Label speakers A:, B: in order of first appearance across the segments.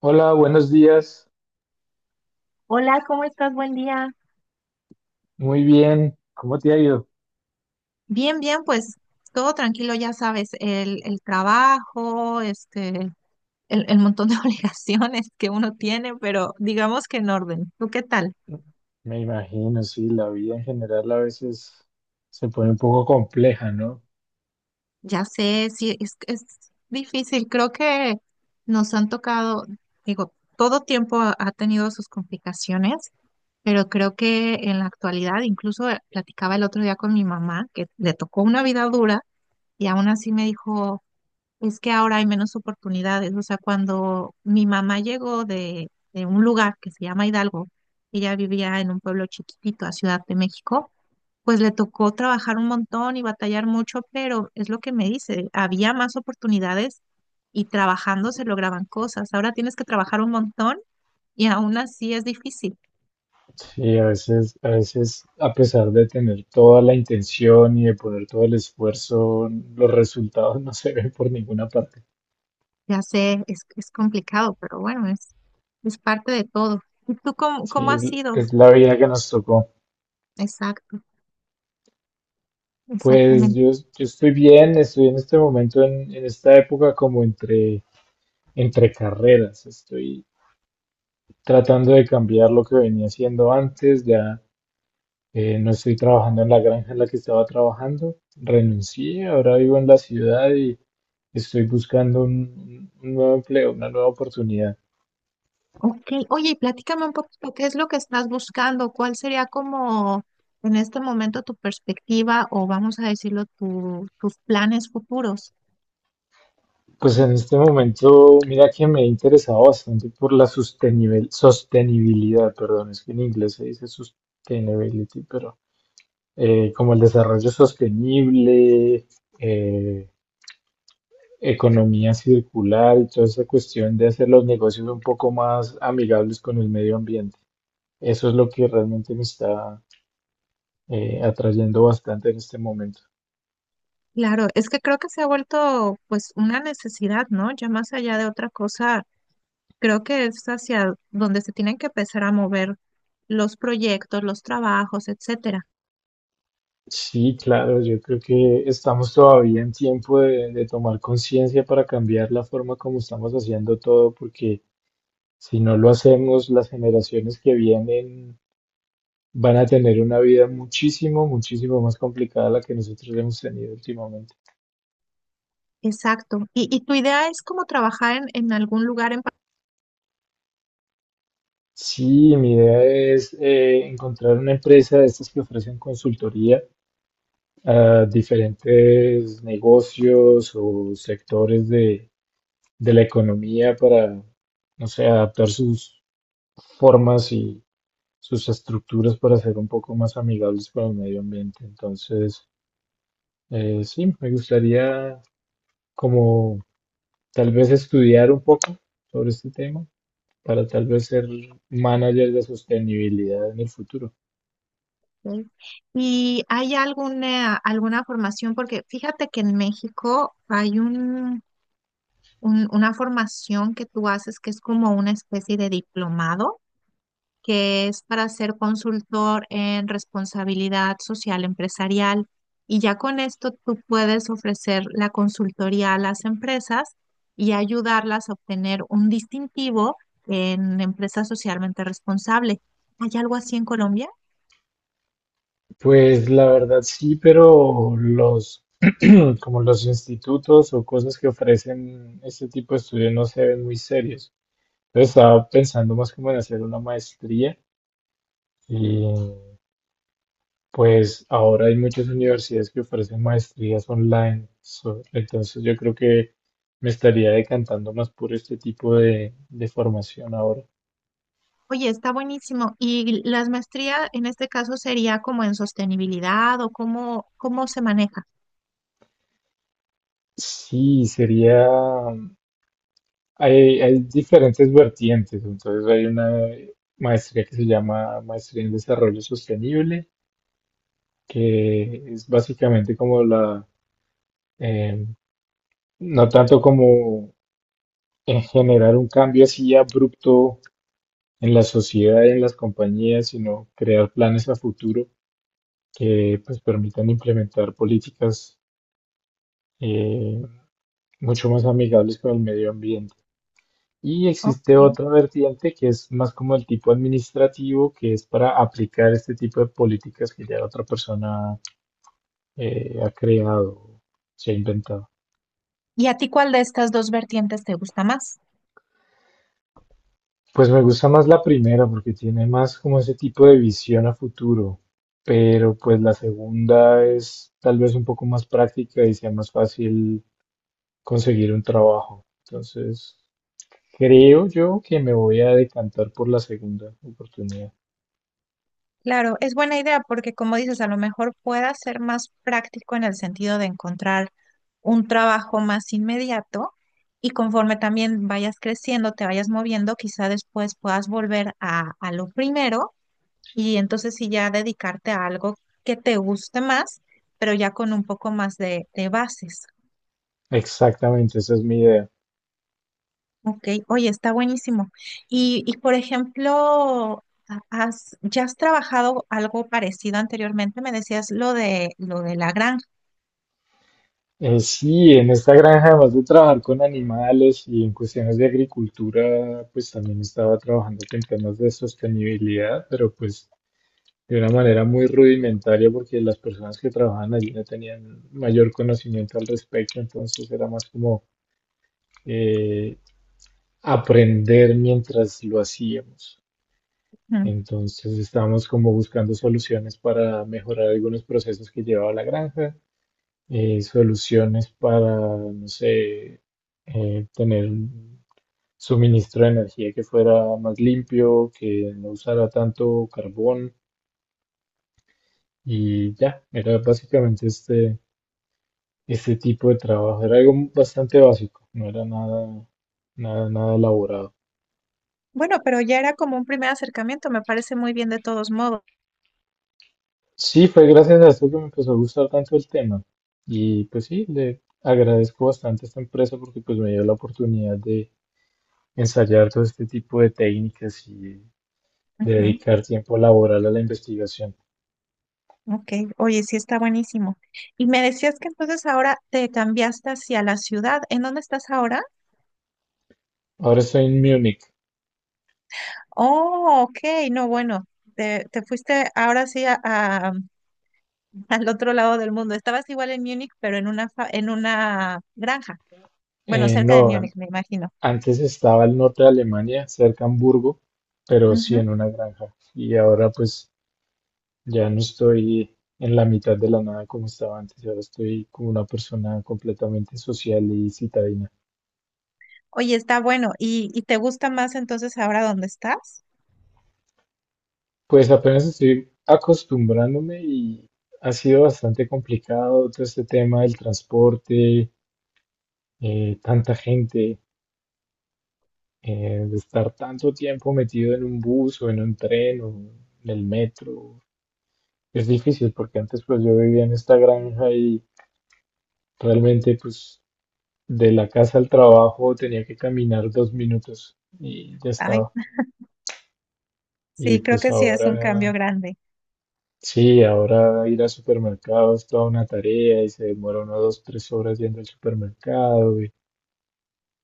A: Hola, buenos días.
B: Hola, ¿cómo estás? Buen día.
A: Muy bien. ¿Cómo te ha ido?
B: Bien, bien, pues todo tranquilo, ya sabes, el trabajo, este, el montón de obligaciones que uno tiene, pero digamos que en orden. ¿Tú qué tal?
A: Me imagino, sí, la vida en general a veces se pone un poco compleja, ¿no?
B: Ya sé, sí, es difícil. Creo que nos han tocado, digo, todo tiempo ha tenido sus complicaciones, pero creo que en la actualidad, incluso platicaba el otro día con mi mamá, que le tocó una vida dura y aún así me dijo... Es que ahora hay menos oportunidades. O sea, cuando mi mamá llegó de un lugar que se llama Hidalgo, ella vivía en un pueblo chiquitito a Ciudad de México, pues le tocó trabajar un montón y batallar mucho, pero es lo que me dice, había más oportunidades y trabajando se lograban cosas. Ahora tienes que trabajar un montón y aún así es difícil.
A: Sí, a veces, a pesar de tener toda la intención y de poner todo el esfuerzo, los resultados no se ven por ninguna parte.
B: Ya sé, es complicado, pero bueno, es parte de todo. ¿Y tú cómo, cómo
A: Sí, es,
B: has sido?
A: es la vida que nos tocó.
B: Exacto,
A: Pues
B: exactamente.
A: yo estoy bien, estoy en este momento, en esta época como entre carreras. Estoy tratando de cambiar lo que venía haciendo antes, ya. No estoy trabajando en la granja en la que estaba trabajando. Renuncié, ahora vivo en la ciudad y estoy buscando un nuevo empleo, una nueva oportunidad.
B: Ok, oye, y platícame un poquito, ¿qué es lo que estás buscando? ¿Cuál sería como en este momento tu perspectiva o vamos a decirlo, tus planes futuros?
A: Pues en este momento, mira que me he interesado bastante por la sostenibilidad, perdón, es que en inglés se dice sustainability, pero como el desarrollo sostenible, eh, economía circular y toda esa cuestión de hacer los negocios un poco más amigables con el medio ambiente. Eso es lo que realmente me está atrayendo bastante en este momento.
B: Claro, es que creo que se ha vuelto pues una necesidad, ¿no? Ya más allá de otra cosa, creo que es hacia donde se tienen que empezar a mover los proyectos, los trabajos, etcétera.
A: Sí, claro, yo creo que estamos todavía en tiempo de tomar conciencia para cambiar la forma como estamos haciendo todo, porque si no lo hacemos, las generaciones que vienen van a tener una vida muchísimo, muchísimo más complicada a la que nosotros hemos tenido últimamente.
B: Exacto. Y tu idea es como trabajar en algún lugar?
A: Sí, mi idea es encontrar una empresa de estas que ofrecen consultoría a diferentes negocios o sectores de la economía para, no sé, adaptar sus formas y sus estructuras para ser un poco más amigables para el medio ambiente. Entonces, sí, me gustaría como tal vez estudiar un poco sobre este tema para tal vez ser manager de sostenibilidad en el futuro.
B: Ok. ¿Y hay alguna, alguna formación? Porque fíjate que en México hay un, una formación que tú haces que es como una especie de diplomado, que es para ser consultor en responsabilidad social empresarial. Y ya con esto tú puedes ofrecer la consultoría a las empresas y ayudarlas a obtener un distintivo en empresa socialmente responsable. ¿Hay algo así en Colombia?
A: Pues la verdad sí, pero los como los institutos o cosas que ofrecen este tipo de estudios no se ven muy serios. Entonces estaba pensando más como en hacer una maestría y pues ahora hay muchas universidades que ofrecen maestrías online. Entonces yo creo que me estaría decantando más por este tipo de formación ahora.
B: Oye, está buenísimo. ¿Y las maestrías en este caso sería como en sostenibilidad o cómo, cómo se maneja?
A: Sí, sería. Hay diferentes vertientes, entonces hay una maestría que se llama Maestría en Desarrollo Sostenible, que es básicamente como la, eh, no tanto como en generar un cambio así abrupto en la sociedad y en las compañías, sino crear planes a futuro que pues permitan implementar políticas eh, mucho más amigables con el medio ambiente. Y existe
B: Ok.
A: otra vertiente que es más como el tipo administrativo, que es para aplicar este tipo de políticas que ya otra persona ha creado, se ha inventado.
B: ¿Y a ti cuál de estas dos vertientes te gusta más?
A: Pues me gusta más la primera porque tiene más como ese tipo de visión a futuro, pero pues la segunda es tal vez un poco más práctica y sea más fácil conseguir un trabajo. Entonces, creo yo que me voy a decantar por la segunda oportunidad.
B: Claro, es buena idea porque como dices, a lo mejor pueda ser más práctico en el sentido de encontrar un trabajo más inmediato y conforme también vayas creciendo, te vayas moviendo, quizá después puedas volver a lo primero. Y entonces sí ya dedicarte a algo que te guste más, pero ya con un poco más de bases.
A: Exactamente, esa es mi idea.
B: Ok, oye, está buenísimo. Y por ejemplo, ¿ya has trabajado algo parecido anteriormente? Me decías lo de la granja.
A: Sí, en esta granja, además de trabajar con animales y en cuestiones de agricultura, pues también estaba trabajando en temas de sostenibilidad, pero pues de una manera muy rudimentaria porque las personas que trabajaban allí no tenían mayor conocimiento al respecto, entonces era más como eh, aprender mientras lo hacíamos.
B: Ujú.
A: Entonces estábamos como buscando soluciones para mejorar algunos procesos que llevaba la granja. Soluciones para, no sé, tener un suministro de energía que fuera más limpio, que no usara tanto carbón y ya, era básicamente este tipo de trabajo, era algo bastante básico, no era nada, nada, nada elaborado.
B: Bueno, pero ya era como un primer acercamiento, me parece muy bien de todos modos.
A: Sí, fue gracias a esto que me empezó a gustar tanto el tema y pues sí, le agradezco bastante a esta empresa porque pues me dio la oportunidad de ensayar todo este tipo de técnicas y de
B: Ujú.
A: dedicar tiempo laboral a la investigación.
B: Ok, oye, sí está buenísimo. Y me decías que entonces ahora te cambiaste hacia la ciudad. ¿En dónde estás ahora?
A: Ahora estoy en Múnich.
B: Oh, ok, no, bueno, te fuiste ahora sí al otro lado del mundo. Estabas igual en Múnich, pero en una, en una granja. Bueno, cerca de
A: No,
B: Múnich, me imagino.
A: antes estaba al norte de Alemania, cerca de Hamburgo, pero sí
B: Ujú.
A: en una granja. Y ahora pues ya no estoy en la mitad de la nada como estaba antes. Ahora estoy como una persona completamente social y citadina.
B: Oye, está bueno. Y te gusta más entonces ahora dónde estás?
A: Pues apenas estoy acostumbrándome y ha sido bastante complicado todo este tema del transporte, tanta gente. De estar tanto tiempo metido en un bus o en un tren o en el metro. Es difícil porque antes pues yo vivía en esta granja y realmente pues de la casa al trabajo tenía que caminar 2 minutos y ya
B: Ay,
A: estaba. Y
B: sí, creo
A: pues
B: que sí es un cambio
A: ahora
B: grande.
A: sí, ahora ir al supermercado es toda una tarea y se demora uno 2, 3 horas yendo al supermercado y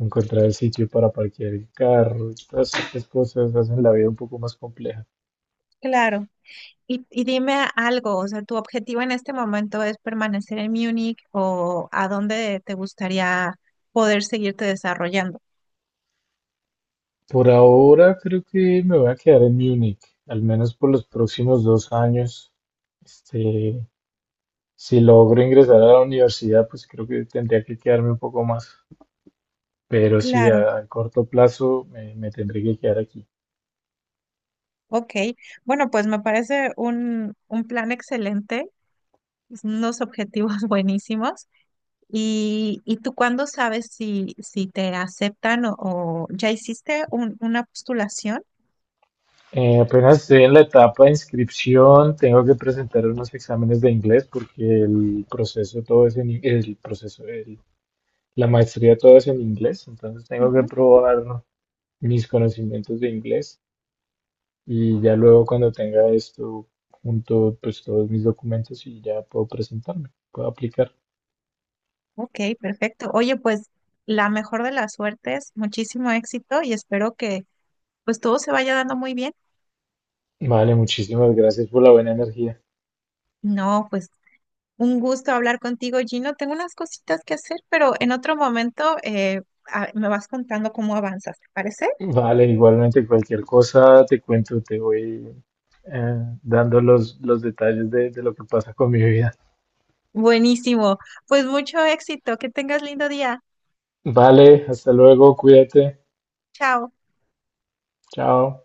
A: encontrar el sitio para parquear el carro y todas estas cosas hacen la vida un poco más compleja.
B: Claro. Y dime algo, o sea, ¿tu objetivo en este momento es permanecer en Múnich o a dónde te gustaría poder seguirte desarrollando?
A: Por ahora creo que me voy a quedar en Múnich, al menos por los próximos 2 años. Este, si logro ingresar a la universidad, pues creo que tendría que quedarme un poco más. Pero sí,
B: Claro.
A: a corto plazo me tendré que quedar aquí.
B: Ok, bueno, pues me parece un plan excelente, unos objetivos buenísimos. Y tú cuándo sabes si, si te aceptan o ya hiciste una postulación?
A: Apenas estoy en la etapa de inscripción, tengo que presentar unos exámenes de inglés porque el proceso todo es en, el proceso, la maestría todo es en inglés, entonces tengo que
B: Ujú.
A: probar mis conocimientos de inglés. Y ya luego cuando tenga esto junto, pues todos mis documentos y ya puedo presentarme, puedo aplicar.
B: Ok, perfecto. Oye, pues la mejor de las suertes, muchísimo éxito y espero que pues todo se vaya dando muy bien.
A: Vale, muchísimas gracias por la buena energía.
B: No, pues un gusto hablar contigo, Gino. Tengo unas cositas que hacer, pero en otro momento me vas contando cómo avanzas, ¿te parece?
A: Vale, igualmente cualquier cosa te cuento, te voy dando los detalles de lo que pasa con mi vida.
B: Buenísimo. Pues mucho éxito. Que tengas lindo día.
A: Vale, hasta luego, cuídate,
B: Chao.
A: chao.